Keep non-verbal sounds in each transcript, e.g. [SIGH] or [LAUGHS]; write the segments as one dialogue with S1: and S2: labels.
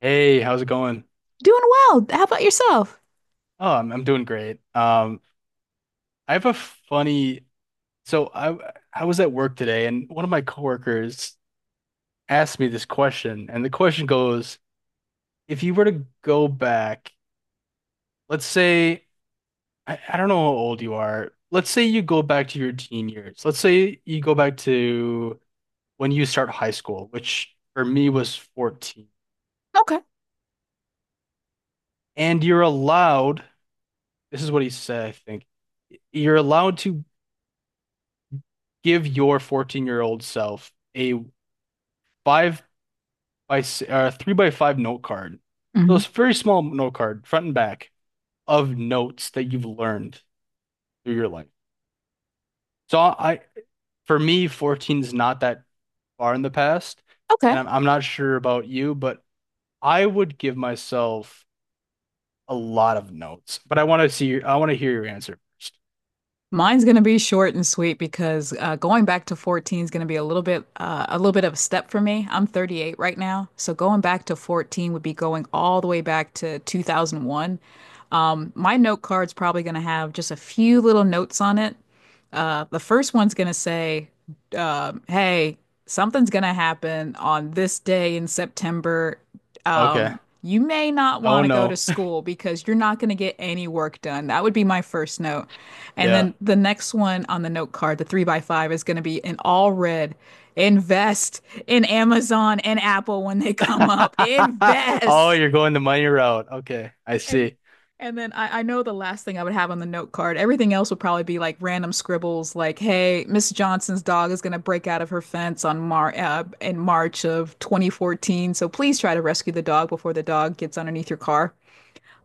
S1: Hey, how's it going?
S2: Doing well. How about yourself?
S1: Oh, I'm doing great. I have a funny. So I was at work today, and one of my coworkers asked me this question, and the question goes, if you were to go back, let's say I don't know how old you are. Let's say you go back to your teen years. Let's say you go back to when you start high school, which for me was 14,
S2: Okay.
S1: and you're allowed. This is what he said, I think. You're allowed to give your 14-year-old self a five three by five note card. So
S2: Mhm.
S1: it's a very small note card, front and back, of notes that you've learned through your life. So I, for me, 14 is not that far in the past,
S2: Okay.
S1: and I'm not sure about you, but I would give myself a lot of notes. But I want to hear your answer first.
S2: Mine's going to be short and sweet because going back to 14 is going to be a little bit of a step for me. I'm 38 right now, so going back to 14 would be going all the way back to 2001. My note card's probably going to have just a few little notes on it. The first one's going to say, "Hey, something's going to happen on this day in September.
S1: Okay.
S2: You may not
S1: Oh
S2: want to go to
S1: no. [LAUGHS]
S2: school because you're not going to get any work done." That would be my first note. And
S1: Yeah.
S2: then the next one on the note card, the three by five, is going to be in all red. Invest in Amazon and Apple when they
S1: [LAUGHS]
S2: come up.
S1: Oh,
S2: Invest.
S1: you're going the money route. Okay, I
S2: And
S1: see.
S2: and then I know the last thing I would have on the note card. Everything else would probably be like random scribbles, like "Hey, Miss Johnson's dog is going to break out of her fence on Mar in March of 2014, so please try to rescue the dog before the dog gets underneath your car."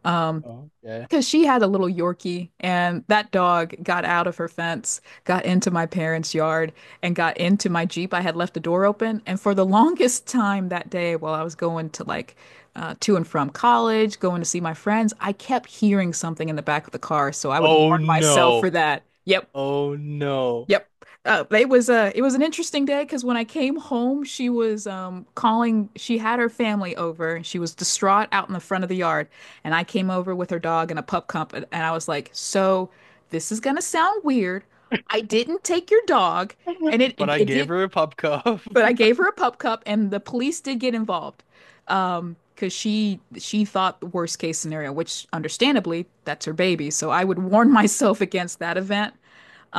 S2: Um,
S1: Okay.
S2: because she had a little Yorkie, and that dog got out of her fence, got into my parents' yard, and got into my Jeep. I had left the door open. And for the longest time that day, while I was going to to and from college, going to see my friends, I kept hearing something in the back of the car. So I would warn
S1: Oh
S2: myself for
S1: no.
S2: that. Yep.
S1: Oh no.
S2: Yep. It was a it was an interesting day because when I came home, she was calling. She had her family over, and she was distraught out in the front of the yard. And I came over with her dog and a pup cup, and I was like, "So, this is gonna sound weird. I didn't take your dog, and it
S1: [LAUGHS] But
S2: it,
S1: I
S2: it
S1: gave
S2: did,
S1: her a pop cup.
S2: but I
S1: [LAUGHS]
S2: gave her a pup cup, and the police did get involved, because she thought the worst case scenario, which understandably, that's her baby. So I would warn [LAUGHS] myself against that event.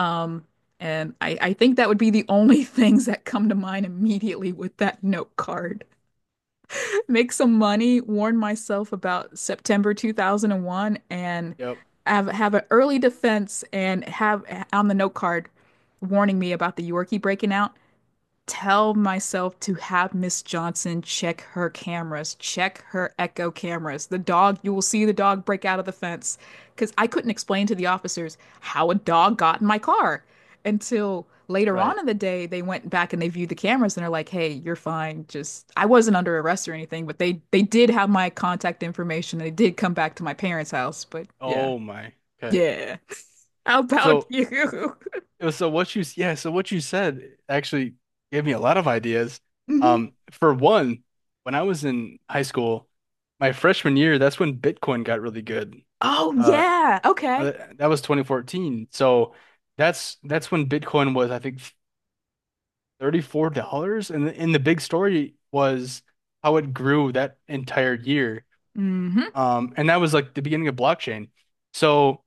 S2: Um, I think that would be the only [LAUGHS] things that come to mind immediately with that note card. [LAUGHS] Make some money, warn myself about September 2001, and
S1: Yep.
S2: have an early defense and have on the note card warning me about the Yorkie breaking out tell myself to have Miss Johnson check her cameras, check her echo cameras. The dog, you will see the dog break out of the fence. Because I couldn't explain to the officers how a dog got in my car until later on
S1: Right.
S2: in the day they went back and they viewed the cameras and they're like, hey, you're fine. Just I wasn't under arrest or anything, but they did have my contact information. They did come back to my parents' house. But yeah.
S1: Oh my. Okay.
S2: Yeah. [LAUGHS] How about
S1: So
S2: you? [LAUGHS]
S1: so what you said actually gave me a lot of ideas.
S2: Mhm.
S1: For one, when I was in high school, my freshman year, that's when Bitcoin got really good.
S2: Oh
S1: Uh,
S2: yeah. Okay.
S1: that was 2014. So that's when Bitcoin was, I think, $34. And and the big story was how it grew that entire year.
S2: Hmm.
S1: And that was like the beginning of blockchain. So,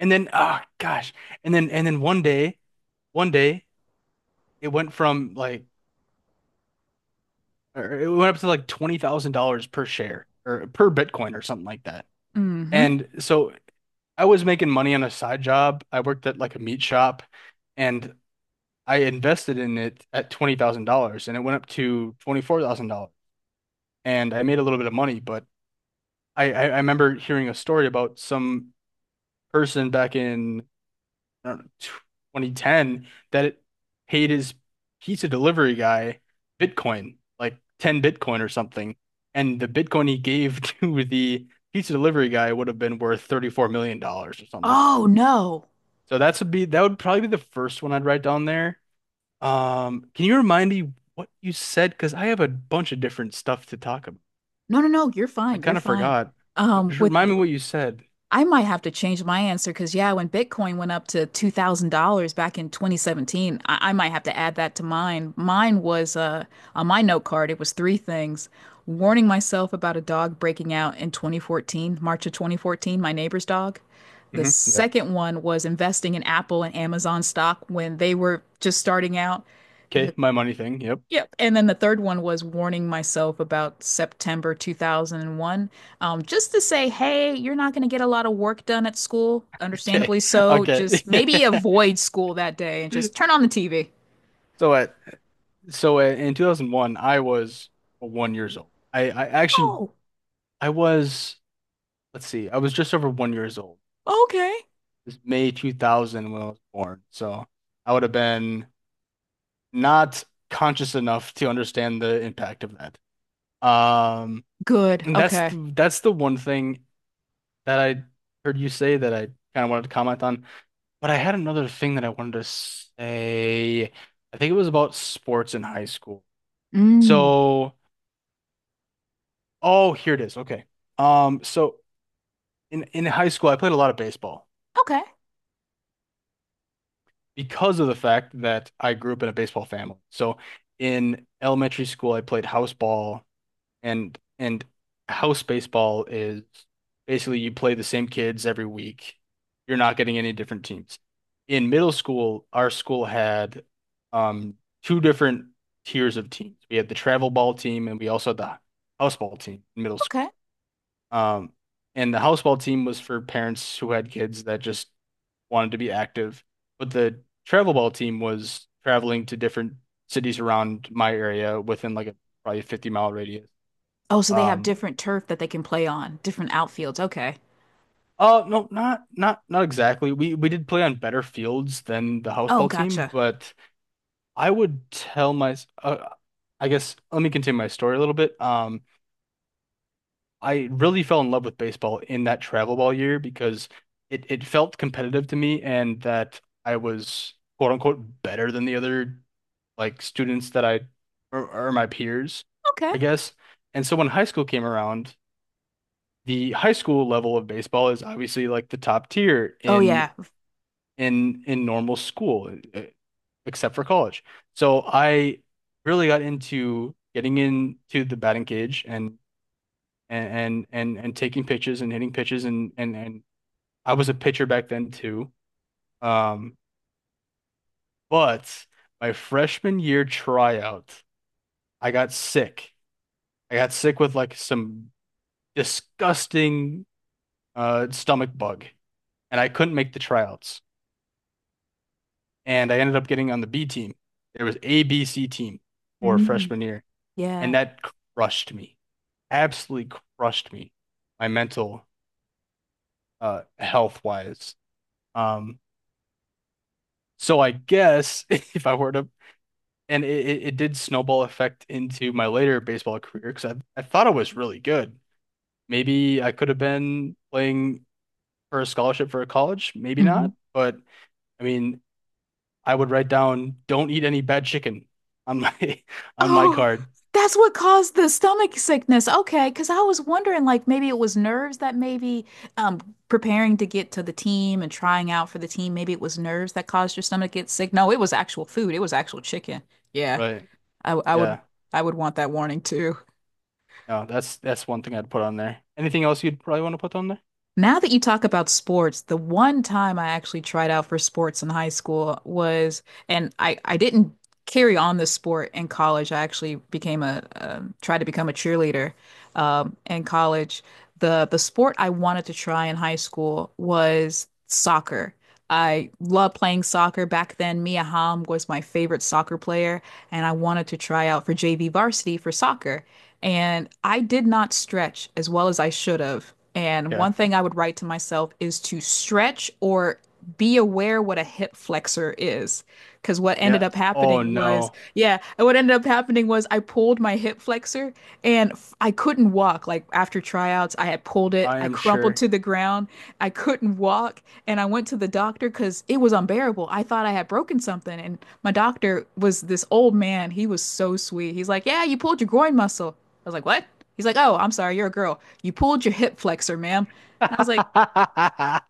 S1: and then, ah, gosh, and then one day, it went from like, it went up to like $20,000 per share or per Bitcoin or something like that.
S2: Hmm.
S1: And so I was making money on a side job. I worked at like a meat shop and I invested in it at $20,000 and it went up to $24,000. And I made a little bit of money, but I remember hearing a story about some person back in I don't know, 2010 that it paid his pizza delivery guy Bitcoin, like 10 Bitcoin or something. And the Bitcoin he gave [LAUGHS] to the pizza delivery guy would have been worth $34 million dollars or something like that.
S2: Oh no.
S1: That would probably be the first one I'd write down there. Can you remind me what you said? Because I have a bunch of different stuff to talk about.
S2: No, no, no, you're
S1: I
S2: fine. You're
S1: kind of
S2: fine.
S1: forgot. Uh, Just
S2: With
S1: remind me what you said.
S2: I might have to change my answer because yeah, when Bitcoin went up to $2,000 back in 2017, I might have to add that to mine. Mine was on my note card, it was three things. Warning myself about a dog breaking out in 2014, March of 2014, my neighbor's dog. The
S1: Hmm Yep.
S2: second one was investing in Apple and Amazon stock when they were just starting out.
S1: Okay, my money thing. Yep.
S2: Yep. And then the third one was warning myself about September 2001, just to say, hey, you're not going to get a lot of work done at school,
S1: Okay.
S2: understandably
S1: [LAUGHS]
S2: so.
S1: Okay.
S2: Just maybe
S1: [LAUGHS]
S2: avoid school that day and just turn on the TV.
S1: So what? In 2001, I was 1 years old. I actually
S2: Oh,
S1: I was let's see, I was just over 1 years old.
S2: okay.
S1: It's May 2000 when I was born. So I would have been not conscious enough to understand the impact of that. Um,
S2: Good.
S1: and that's
S2: Okay.
S1: the, that's the one thing that I heard you say that I kind of wanted to comment on. But I had another thing that I wanted to say. I think it was about sports in high school.
S2: Mm.
S1: So, oh, here it is. Okay. So in high school, I played a lot of baseball
S2: Okay.
S1: because of the fact that I grew up in a baseball family. So in elementary school, I played house ball and house baseball is basically you play the same kids every week. You're not getting any different teams. In middle school, our school had um two different tiers of teams. We had the travel ball team and we also had the house ball team in middle school.
S2: Okay.
S1: Um, and the house ball team was for parents who had kids that just wanted to be active, but the travel ball team was traveling to different cities around my area within like a probably a 50-mile radius.
S2: Oh, so they have
S1: Um,
S2: different turf that they can play on, different outfields. Okay.
S1: oh no, not exactly. We did play on better fields than the house
S2: Oh,
S1: ball team,
S2: gotcha.
S1: but I would tell my uh, I guess let me continue my story a little bit. I really fell in love with baseball in that travel ball year because it felt competitive to me and that I was quote unquote better than the other like students that or my peers,
S2: Okay.
S1: I guess. And so when high school came around, the high school level of baseball is obviously like the top tier
S2: Oh,
S1: in
S2: yeah.
S1: in normal school, except for college. So I really got into getting into the batting cage and taking pitches and hitting pitches and I was a pitcher back then too. Um, but my freshman year tryout, I got sick I got sick with like some disgusting stomach bug, and I couldn't make the tryouts. And I ended up getting on the B team. There was A, B, C team for
S2: Mm.
S1: freshman year, and
S2: Yeah.
S1: that crushed me. Absolutely crushed me, my mental health wise. Um, so I guess [LAUGHS] if I were to, and it did snowball effect into my later baseball career because I thought I was really good. Maybe I could have been playing for a scholarship for a college, maybe
S2: Mhm.
S1: not. But I mean, I would write down don't eat any bad chicken on my [LAUGHS] on my
S2: Oh,
S1: card.
S2: that's what caused the stomach sickness. Okay, because I was wondering, like, maybe it was nerves that maybe um preparing to get to the team and trying out for the team, maybe it was nerves that caused your stomach to get sick. No, it was actual food. It was actual chicken. Yeah,
S1: Right.
S2: I would
S1: Yeah.
S2: I would want that warning too.
S1: No, that's one thing I'd put on there. Anything else you'd probably want to put on there?
S2: Now that you talk about sports, the one time I actually tried out for sports in high school was, and I didn't carry on the sport in college. I actually became a, tried to become a cheerleader in college. The sport I wanted to try in high school was soccer. I loved playing soccer back then. Mia Hamm was my favorite soccer player and I wanted to try out for JV varsity for soccer. And I did not stretch as well as I should have. And one
S1: Yeah.
S2: thing I would write to myself is to stretch or be aware what a hip flexor is. Because what ended
S1: Yeah.
S2: up
S1: Oh
S2: happening was,
S1: no.
S2: yeah, what ended up happening was I pulled my hip flexor and couldn't I couldn't walk. Like after tryouts, I had pulled it.
S1: I
S2: I
S1: am
S2: crumpled
S1: sure.
S2: to the ground. I couldn't walk, and I went to the doctor because it was unbearable. I thought I had broken something, and my doctor was this old man. He was so sweet. He's like, "Yeah, you pulled your groin muscle." I was like, "What?" He's like, "Oh, I'm sorry, you're a girl. You pulled your hip flexor, ma'am." And I was like
S1: [LAUGHS]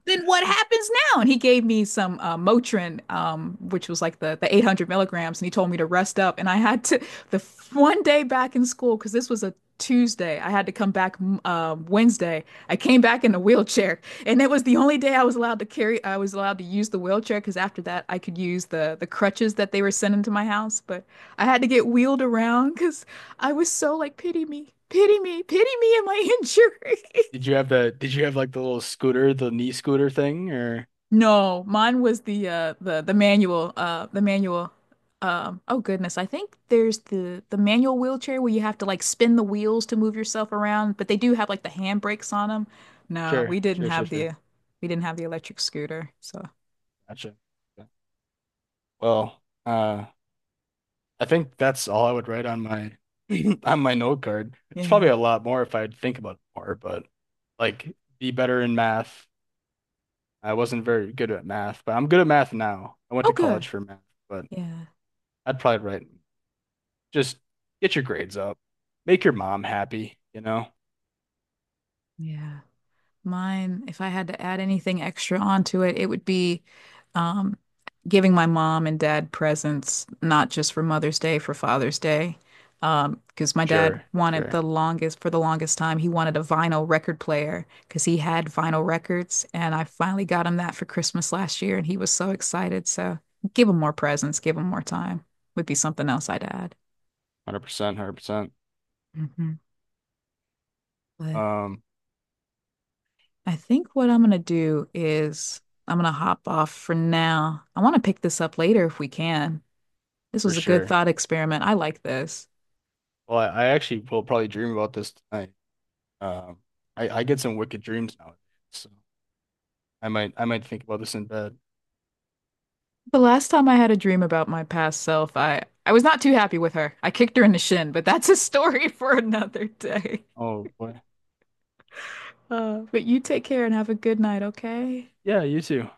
S2: then what happens now? And he gave me some Motrin, which was like the 800 milligrams, and he told me to rest up. And I had to [LAUGHS] the one day back in school because this was a Tuesday. I had to come back Wednesday. I came back in a wheelchair, [LAUGHS] and it was the only day I was allowed to carry. I was allowed to use the wheelchair because after that, I could use the crutches that they were sending to my house. But I had to get wheeled around because I was so like, pity me, pity me, pity me, and my injury. [LAUGHS]
S1: Did you have like the little scooter, the knee scooter thing or
S2: No, mine was the the manual oh goodness, I think there's the manual wheelchair where you have to like spin the wheels to move yourself around, but they do have like the handbrakes on them. No,
S1: sure, sure, sure, sure.
S2: we didn't have the electric scooter. So,
S1: Gotcha. Yeah. Well, I think that's all I would write on my [CLEARS THROAT] [LAUGHS] on my note card. It's probably
S2: yeah.
S1: a lot more if I'd think about it more, but like be better in math. I wasn't very good at math, but I'm good at math now. I went
S2: Oh
S1: to
S2: good.
S1: college for math, but
S2: Yeah.
S1: I'd probably write just get your grades up. Make your mom happy, you know?
S2: Yeah. Mine, if I had to add anything extra onto it, it would be um, giving my mom and dad presents, not just for Mother's Day, for Father's Day. Because my dad
S1: Sure,
S2: wanted
S1: sure.
S2: the longest, for the longest time, he wanted a vinyl record player because he had vinyl records. And I finally got him that for Christmas last year, and he was so excited. So give him more presents, give him more time would be something else I'd add.
S1: 100%, 100%.
S2: Hmm.
S1: Um,
S2: I think what I'm gonna do is I'm gonna hop off for now. I want to pick this up later if we can. This
S1: for
S2: was a good
S1: sure.
S2: thought experiment. I like this.
S1: Well, I actually will probably dream about this tonight. Um, I get some wicked dreams now, so I might think about this in bed.
S2: The last time I had a dream about my past self, I was not too happy with her. I kicked her in the shin, but that's a [LAUGHS] story for another day.
S1: Oh boy.
S2: But you take care and have a good night, okay?
S1: Yeah, you too.